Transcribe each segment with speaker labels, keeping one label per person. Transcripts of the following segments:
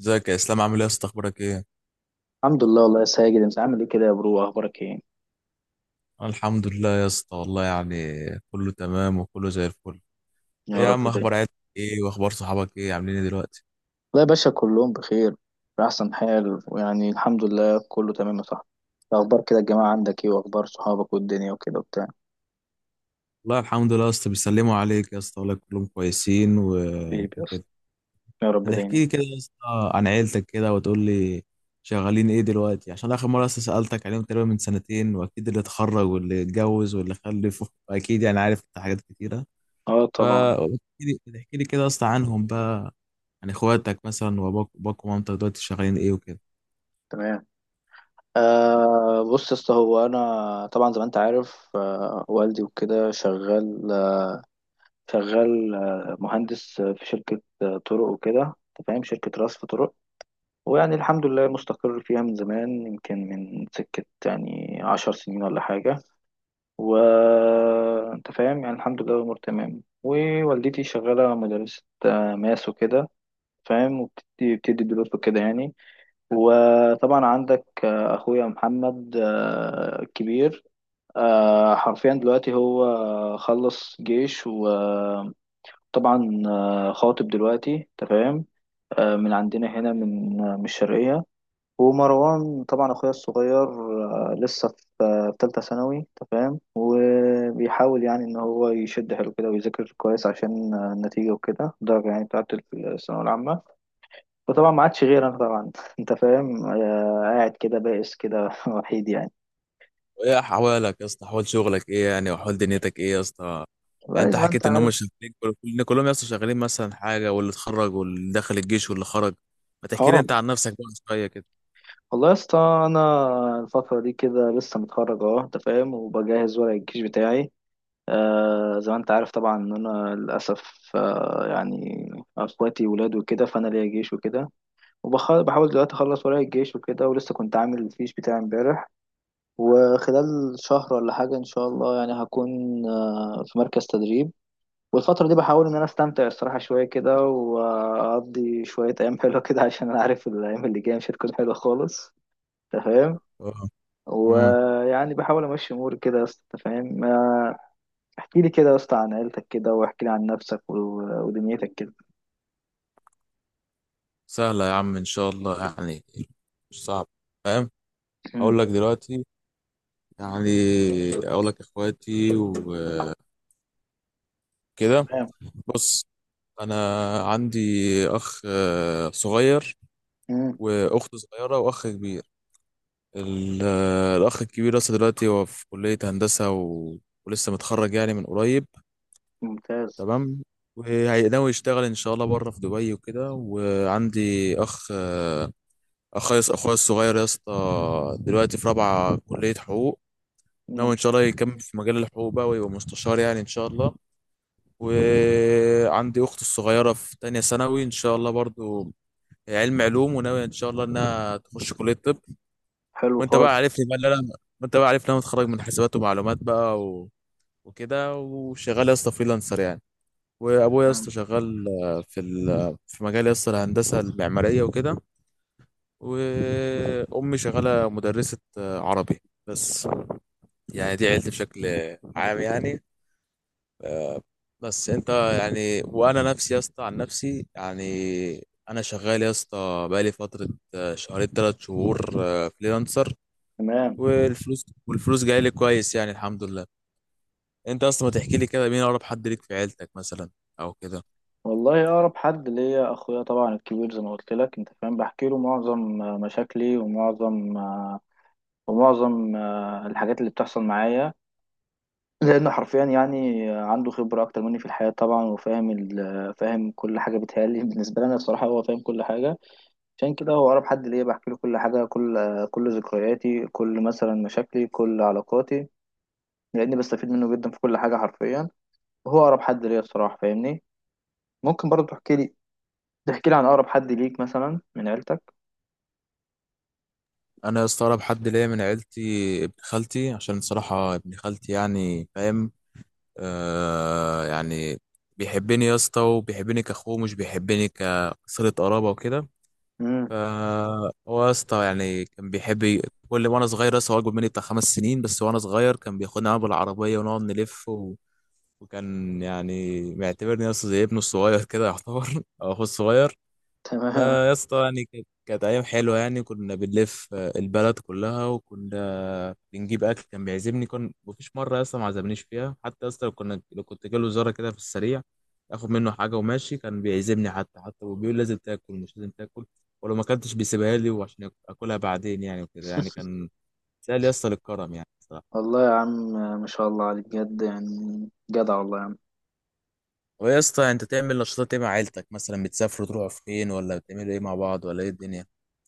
Speaker 1: ازيك يا اسلام، عامل ايه يا اسطى، اخبارك ايه؟
Speaker 2: الحمد لله، والله يا ساجد. انت عامل ايه كده يا برو؟ اخبارك ايه؟
Speaker 1: أنا الحمد لله يا اسطى، والله يعني كله تمام وكله زي الفل. ايه
Speaker 2: يا
Speaker 1: يا
Speaker 2: رب
Speaker 1: عم،
Speaker 2: دايما.
Speaker 1: اخبار عيلتك ايه واخبار صحابك ايه؟ عاملين ايه دلوقتي؟
Speaker 2: لا يا باشا، كلهم بخير بأحسن حال. ويعني الحمد لله كله تمام يا صاحبي. إيه اخبار كده الجماعة عندك؟ ايه واخبار صحابك والدنيا وكده وبتاع؟
Speaker 1: والله الحمد لله يا اسطى، بيسلموا عليك يا اسطى والله، كلهم كويسين و...
Speaker 2: حبيبي يا اسطى.
Speaker 1: وكده
Speaker 2: يا رب
Speaker 1: هتحكي
Speaker 2: دايما.
Speaker 1: لي كده يا اسطى عن عيلتك كده وتقول لي شغالين ايه دلوقتي، عشان اخر مره اصلا سالتك عليهم تقريبا من سنتين، واكيد اللي اتخرج واللي اتجوز واللي خلف، اكيد يعني عارف انت حاجات كتيره.
Speaker 2: اه طبعا.
Speaker 1: فاحكي لي احكي لي كده يا اسطى عنهم بقى، يعني اخواتك مثلا واباك ومامتك دلوقتي شغالين ايه وكده.
Speaker 2: تمام. بص يا اسطى، هو انا طبعا زي ما انت عارف والدي وكده شغال، مهندس في شركة طرق وكده. انت فاهم؟ شركة رصف طرق. ويعني الحمد لله مستقر فيها من زمان، يمكن من سكة يعني 10 سنين ولا حاجة. وأنت فاهم يعني الحمد لله الأمور تمام. ووالدتي شغالة مدرسة ماس وكده، فاهم؟ وبتدي دروس وكده يعني. وطبعا عندك أخويا محمد الكبير. حرفيا دلوقتي هو خلص جيش، وطبعا خاطب دلوقتي، تمام. من عندنا هنا من من الشرقية. ومروان طبعا اخويا الصغير لسه في تالتة ثانوي. انت فاهم؟ وبيحاول يعني ان هو يشد حيله كده ويذاكر كويس عشان النتيجة وكده، الدرجة يعني بتاعت الثانوية العامة. وطبعا ما عادش غير انا طبعا انت فاهم قاعد كده بائس كده وحيد يعني.
Speaker 1: وايه احوالك يا اسطى، احوال شغلك ايه يعني، واحوال دنيتك ايه يا اسطى؟ يعني
Speaker 2: والله
Speaker 1: انت
Speaker 2: زي ما انت
Speaker 1: حكيت ان هم
Speaker 2: عارف.
Speaker 1: شغالين كلهم يا اسطى شغالين مثلا حاجه، واللي اتخرج واللي دخل الجيش واللي خرج. ما تحكي لي
Speaker 2: اه.
Speaker 1: انت عن نفسك بقى شويه كده.
Speaker 2: والله يا اسطى، انا الفترة دي كده لسه متخرج انت فاهم، وبجهز ورق الجيش بتاعي. زي ما انت عارف طبعا ان انا للاسف يعني اخواتي ولاد وكده، فانا ليا جيش وكده. وبحاول دلوقتي اخلص ورايا الجيش وكده، ولسه كنت عامل الفيش بتاعي امبارح. وخلال شهر ولا حاجه ان شاء الله يعني هكون في مركز تدريب. والفتره دي بحاول ان انا استمتع الصراحه شويه كده، واقضي شويه ايام حلوه كده عشان انا عارف الايام اللي جايه مش هتكون حلوه خالص. تمام.
Speaker 1: اه. امم
Speaker 2: ويعني بحاول امشي اموري كده يا اسطى، انت فاهم. احكي لي كده يا اسطى عن عيلتك كده، واحكي لي عن نفسك و- ودنيتك كده.
Speaker 1: سهله يا عم ان شاء الله، يعني مش صعب فاهم.
Speaker 2: مم.
Speaker 1: اقول لك دلوقتي يعني، اقول لك اخواتي وكده.
Speaker 2: تمام.
Speaker 1: بص، انا عندي اخ صغير،
Speaker 2: مم.
Speaker 1: واخت صغيره، واخ كبير. ال- الاخ الكبير لسه دلوقتي هو في كليه هندسه، ولسه متخرج يعني من قريب.
Speaker 2: ممتاز.
Speaker 1: تمام، وهيناوي يشتغل ان شاء الله بره في دبي وكده. وعندي اخ اخويا الصغير يا اسطى دلوقتي في رابعه كليه حقوق، ناوي ان شاء الله
Speaker 2: ممتاز.
Speaker 1: يكمل في مجال الحقوق بقى ويبقى مستشار يعني ان شاء الله. وعندي اختي الصغيره في تانية ثانوي ان شاء الله، برضو هي علم علوم، وناوي ان شاء الله انها تخش كليه طب.
Speaker 2: حلو
Speaker 1: وانت
Speaker 2: خالص.
Speaker 1: بقى عارفني بقى اللي انا وانت بقى عارفني انا متخرج من حسابات ومعلومات بقى، وكده وشغال يا اسطى فريلانسر يعني. وابويا يا اسطى
Speaker 2: تمام.
Speaker 1: شغال في مجال يا اسطى الهندسه المعماريه وكده. وامي شغاله مدرسه عربي بس، يعني دي عيلتي بشكل عام يعني. بس انت يعني وانا نفسي يا اسطى عن نفسي يعني، انا شغال يا اسطى بقالي فتره، شهرين 3 شهور، فريلانسر،
Speaker 2: تمام.
Speaker 1: والفلوس جايه لي كويس يعني الحمد لله. انت اصلا ما تحكي لي كده مين اقرب حد ليك في عيلتك مثلا، او كده.
Speaker 2: والله اقرب حد ليا اخويا، طبعا الكبير زي ما قلت لك. انت فاهم؟ بحكي له معظم مشاكلي، ومعظم الحاجات اللي بتحصل معايا. لانه حرفيا يعني عنده خبره اكتر مني في الحياه طبعا، وفاهم ال- فاهم كل حاجه. بتهيألي بالنسبه لي انا الصراحه هو فاهم كل حاجه. عشان كده هو أقرب حد ليا، بحكي له كل حاجة. كل ذكرياتي، كل مثلا مشاكلي، كل علاقاتي. لأني بستفيد منه جدا في كل حاجة حرفيا. وهو أقرب حد ليا الصراحة، فاهمني. ممكن برضه تحكي لي عن أقرب حد ليك مثلا من عيلتك.
Speaker 1: انا يا اسطى اقرب حد ليا من عيلتي ابن خالتي، عشان صراحة ابن خالتي يعني فاهم، يعني بيحبني يا اسطى، وبيحبني كاخوه، مش بيحبني كصلة قرابة وكده.
Speaker 2: امم.
Speaker 1: فهو يا اسطى يعني كان بيحب كل وانا صغير لسه، هو اكبر مني بتاع 5 سنين بس، وانا صغير كان بياخدني معاه بالعربية ونقعد نلف، وكان يعني معتبرني يا اسطى زي ابنه الصغير كده يعتبر، او اخوه الصغير.
Speaker 2: تمام.
Speaker 1: يا اسطى يعني كانت ايام حلوه يعني، كنا بنلف البلد كلها، وكنا بنجيب اكل، كان بيعزمني، كان مفيش مره يا اسطى ما عزمنيش فيها، حتى يا اسطى لو كنت جاله زياره كده في السريع، اخد منه حاجه وماشي، كان بيعزمني، حتى وبيقول لازم تاكل مش لازم تاكل، ولو ما اكلتش بيسيبها لي وعشان اكلها بعدين يعني، وكده يعني كان سهل يا اسطى للكرم يعني صراحه.
Speaker 2: والله يا عم، ما شاء الله عليك بجد يعني. جدع والله يا عم.
Speaker 1: هو يا اسطى، انت تعمل نشاطات ايه مع عيلتك مثلا؟ بتسافروا تروحوا فين، ولا بتعملوا ايه مع بعض ولا ايه الدنيا؟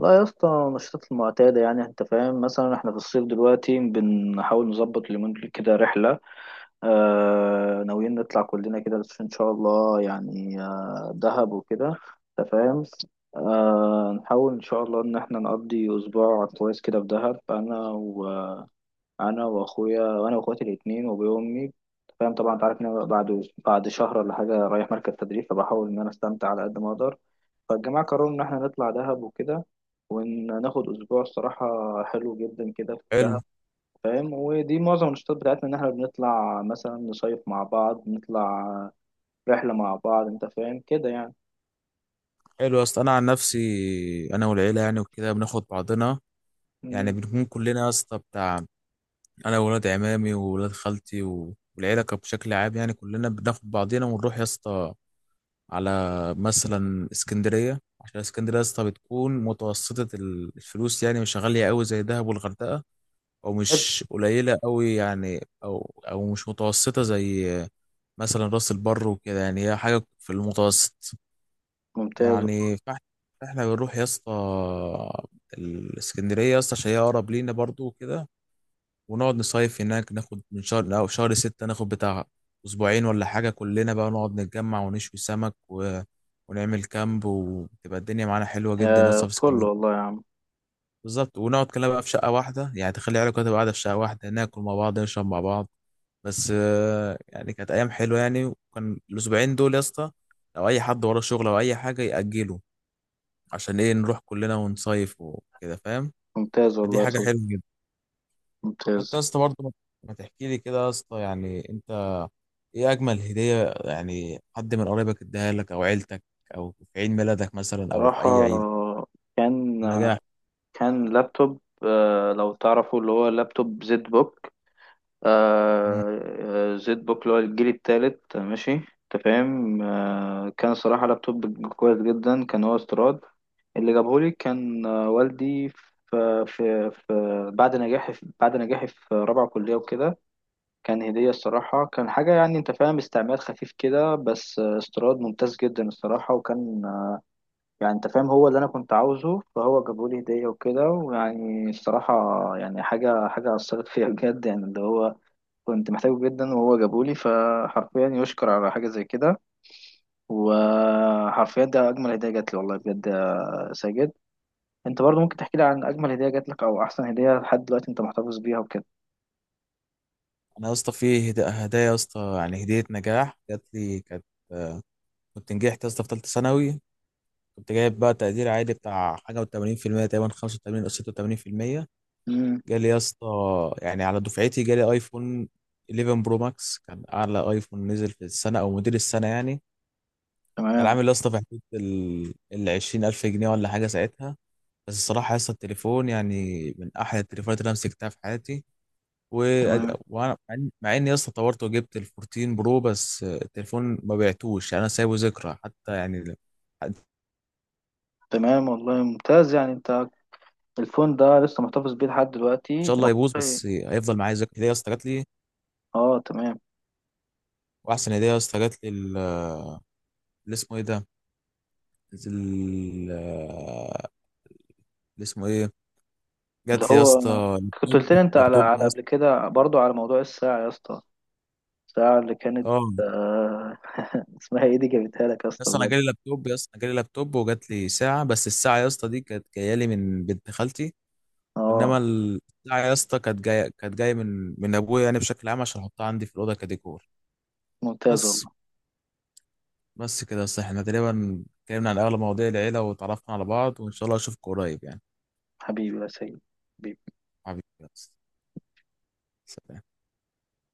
Speaker 2: لا يا اسطى، النشاطات المعتادة يعني. انت فاهم؟ مثلا احنا في الصيف دلوقتي بنحاول نظبط اليومين دول كده رحلة. ناويين نطلع كلنا كده، بس ان شاء الله يعني دهب وكده. انت فاهم؟ نحاول ان شاء الله ان احنا نقضي اسبوع كويس كده في دهب. انا وانا واخويا وانا واخواتي الاتنين وابويا وامي. أنت فاهم طبعا، انت عارف ان انا بعد شهر ولا حاجه رايح مركز تدريب، فبحاول ان انا استمتع على قد ما اقدر. فالجماعه قرروا ان احنا نطلع دهب وكده، وناخد اسبوع الصراحه حلو جدا كده في
Speaker 1: حلو.
Speaker 2: دهب. فاهم؟ ودي معظم النشاطات بتاعتنا، ان احنا بنطلع مثلا نصيف مع بعض، نطلع رحلة مع بعض. انت فاهم كده يعني.
Speaker 1: حلو يا اسطى، انا عن نفسي انا والعيله يعني وكده بناخد بعضنا، يعني
Speaker 2: مم.
Speaker 1: بنكون كلنا يا اسطى بتاع انا وولاد عمامي وولاد خالتي والعيله كانت بشكل عام يعني، كلنا بناخد بعضنا ونروح يا اسطى على مثلا اسكندريه، عشان اسكندريه يا اسطى بتكون متوسطه الفلوس يعني، مش غاليه قوي زي دهب والغردقه، او
Speaker 2: حلو.
Speaker 1: مش قليله قوي يعني، او مش متوسطه زي مثلا راس البر وكده، يعني هي حاجه في المتوسط
Speaker 2: ممتاز.
Speaker 1: يعني. فاحنا بنروح يا اسطى الاسكندريه يا اسطى، عشان هي اقرب لينا برضو وكده، ونقعد نصيف هناك، ناخد من شهر او شهر ستة، ناخد بتاع اسبوعين ولا حاجه، كلنا بقى نقعد نتجمع ونشوي سمك، ونعمل كامب، وتبقى الدنيا معانا حلوه جدا يا
Speaker 2: يا
Speaker 1: اسطى في
Speaker 2: فل
Speaker 1: اسكندريه.
Speaker 2: والله يا عم.
Speaker 1: بالظبط، ونقعد كلنا بقى في شقه واحده، يعني تخلي عيالك تبقى قاعده في شقه واحده، ناكل مع بعض، نشرب مع بعض، بس يعني كانت ايام حلوه يعني. وكان الاسبوعين دول يا اسطى لو اي حد وراه شغل او اي حاجه ياجله، عشان ايه؟ نروح كلنا ونصيف وكده فاهم،
Speaker 2: ممتاز
Speaker 1: فدي
Speaker 2: والله يا
Speaker 1: حاجة
Speaker 2: صديقي.
Speaker 1: حلوة جدا.
Speaker 2: ممتاز.
Speaker 1: حتى يا اسطى برضه، ما تحكي لي كده يا اسطى، يعني انت ايه اجمل هدية يعني حد من قرايبك اداها لك او عيلتك، او في عيد ميلادك مثلا، او في اي
Speaker 2: صراحة
Speaker 1: عيد؟
Speaker 2: كان
Speaker 1: نجاح.
Speaker 2: كان لابتوب لو تعرفوا، اللي هو لابتوب زد بوك.
Speaker 1: مم.
Speaker 2: زد بوك اللي هو الجيل التالت، ماشي؟ انت فاهم كان صراحة لابتوب كويس جدا، كان هو استيراد. اللي جابهولي كان والدي، في, في, في بعد نجاحي في بعد نجاحي في رابعة كلية وكده. كان هدية. الصراحة كان حاجة، يعني انت فاهم، استعمال خفيف كده بس استيراد ممتاز جدا الصراحة. وكان يعني انت فاهم هو اللي انا كنت عاوزه، فهو جابهولي هدية وكده. ويعني الصراحة يعني حاجة حاجة أثرت فيا بجد، يعني اللي هو كنت محتاجه جدا وهو جابولي، فحرفيا يشكر على حاجة زي كده. وحرفيا ده أجمل هدية جات لي، والله بجد يا ساجد. أنت برضو ممكن تحكي لي عن أجمل هدية جات لك، أو أحسن هدية لحد دلوقتي أنت محتفظ بيها وكده.
Speaker 1: انا يا اسطى في هدايا يا اسطى، يعني هدية نجاح جات لي كانت، آه، كنت نجحت يا اسطى في ثالثة ثانوي، كنت جايب بقى تقدير عالي بتاع حاجة و80%، تقريبا 85 او 86%،
Speaker 2: امم.
Speaker 1: جالي يا اسطى يعني على دفعتي، جالي ايفون 11 برو ماكس، كان اعلى ايفون نزل في السنه او موديل السنه يعني، كان
Speaker 2: تمام.
Speaker 1: عامل يا اسطى في حدود ال 20,000 جنيه ولا حاجه ساعتها. بس الصراحه يا اسطى التليفون يعني من احلى التليفونات اللي انا مسكتها في حياتي، و...
Speaker 2: تمام.
Speaker 1: وانا مع اني يا اسطى طورت وجبت ال 14 برو، بس التليفون ما بعتوش يعني، انا سايبه ذكرى حتى يعني ان
Speaker 2: تمام والله، ممتاز يعني. أنت الفون ده لسه محتفظ بيه لحد دلوقتي
Speaker 1: شاء
Speaker 2: ده؟
Speaker 1: الله يبوظ،
Speaker 2: والله.
Speaker 1: بس هيفضل معايا ذكرى هديه يا اسطى جات لي.
Speaker 2: أه تمام.
Speaker 1: واحسن هديه يا اسطى جات لي، اللي اسمه ايه ده، ال- اللي اسمه ايه،
Speaker 2: اللي
Speaker 1: جات لي يا
Speaker 2: هو
Speaker 1: اسطى
Speaker 2: كنت
Speaker 1: لابتوب،
Speaker 2: قلت لي أنت على
Speaker 1: لابتوب
Speaker 2: على
Speaker 1: يا اسطى.
Speaker 2: قبل كده برضو على موضوع الساعة يا اسطى. الساعة اللي كانت
Speaker 1: اه،
Speaker 2: آه، اسمها إيه دي، جابتها لك يا
Speaker 1: يا
Speaker 2: اسطى
Speaker 1: اسطى انا
Speaker 2: بجد.
Speaker 1: جالي لابتوب يا اسطى، أنا جالي لابتوب، وجات لي ساعه، بس الساعه يا اسطى دي كانت جايه لي من بنت خالتي،
Speaker 2: اه.
Speaker 1: انما الساعه يا اسطى كانت جايه من ابويا يعني بشكل عام، عشان احطها عندي في الاوضه كديكور
Speaker 2: ممتاز
Speaker 1: بس.
Speaker 2: والله.
Speaker 1: بس كده يا اسطى، احنا تقريبا اتكلمنا عن اغلب مواضيع العيله وتعرفنا على بعض، وان شاء الله اشوفك قريب يعني.
Speaker 2: حبيبي يا سيد. حبيبي.
Speaker 1: حبيبي يا اسطى، سلام.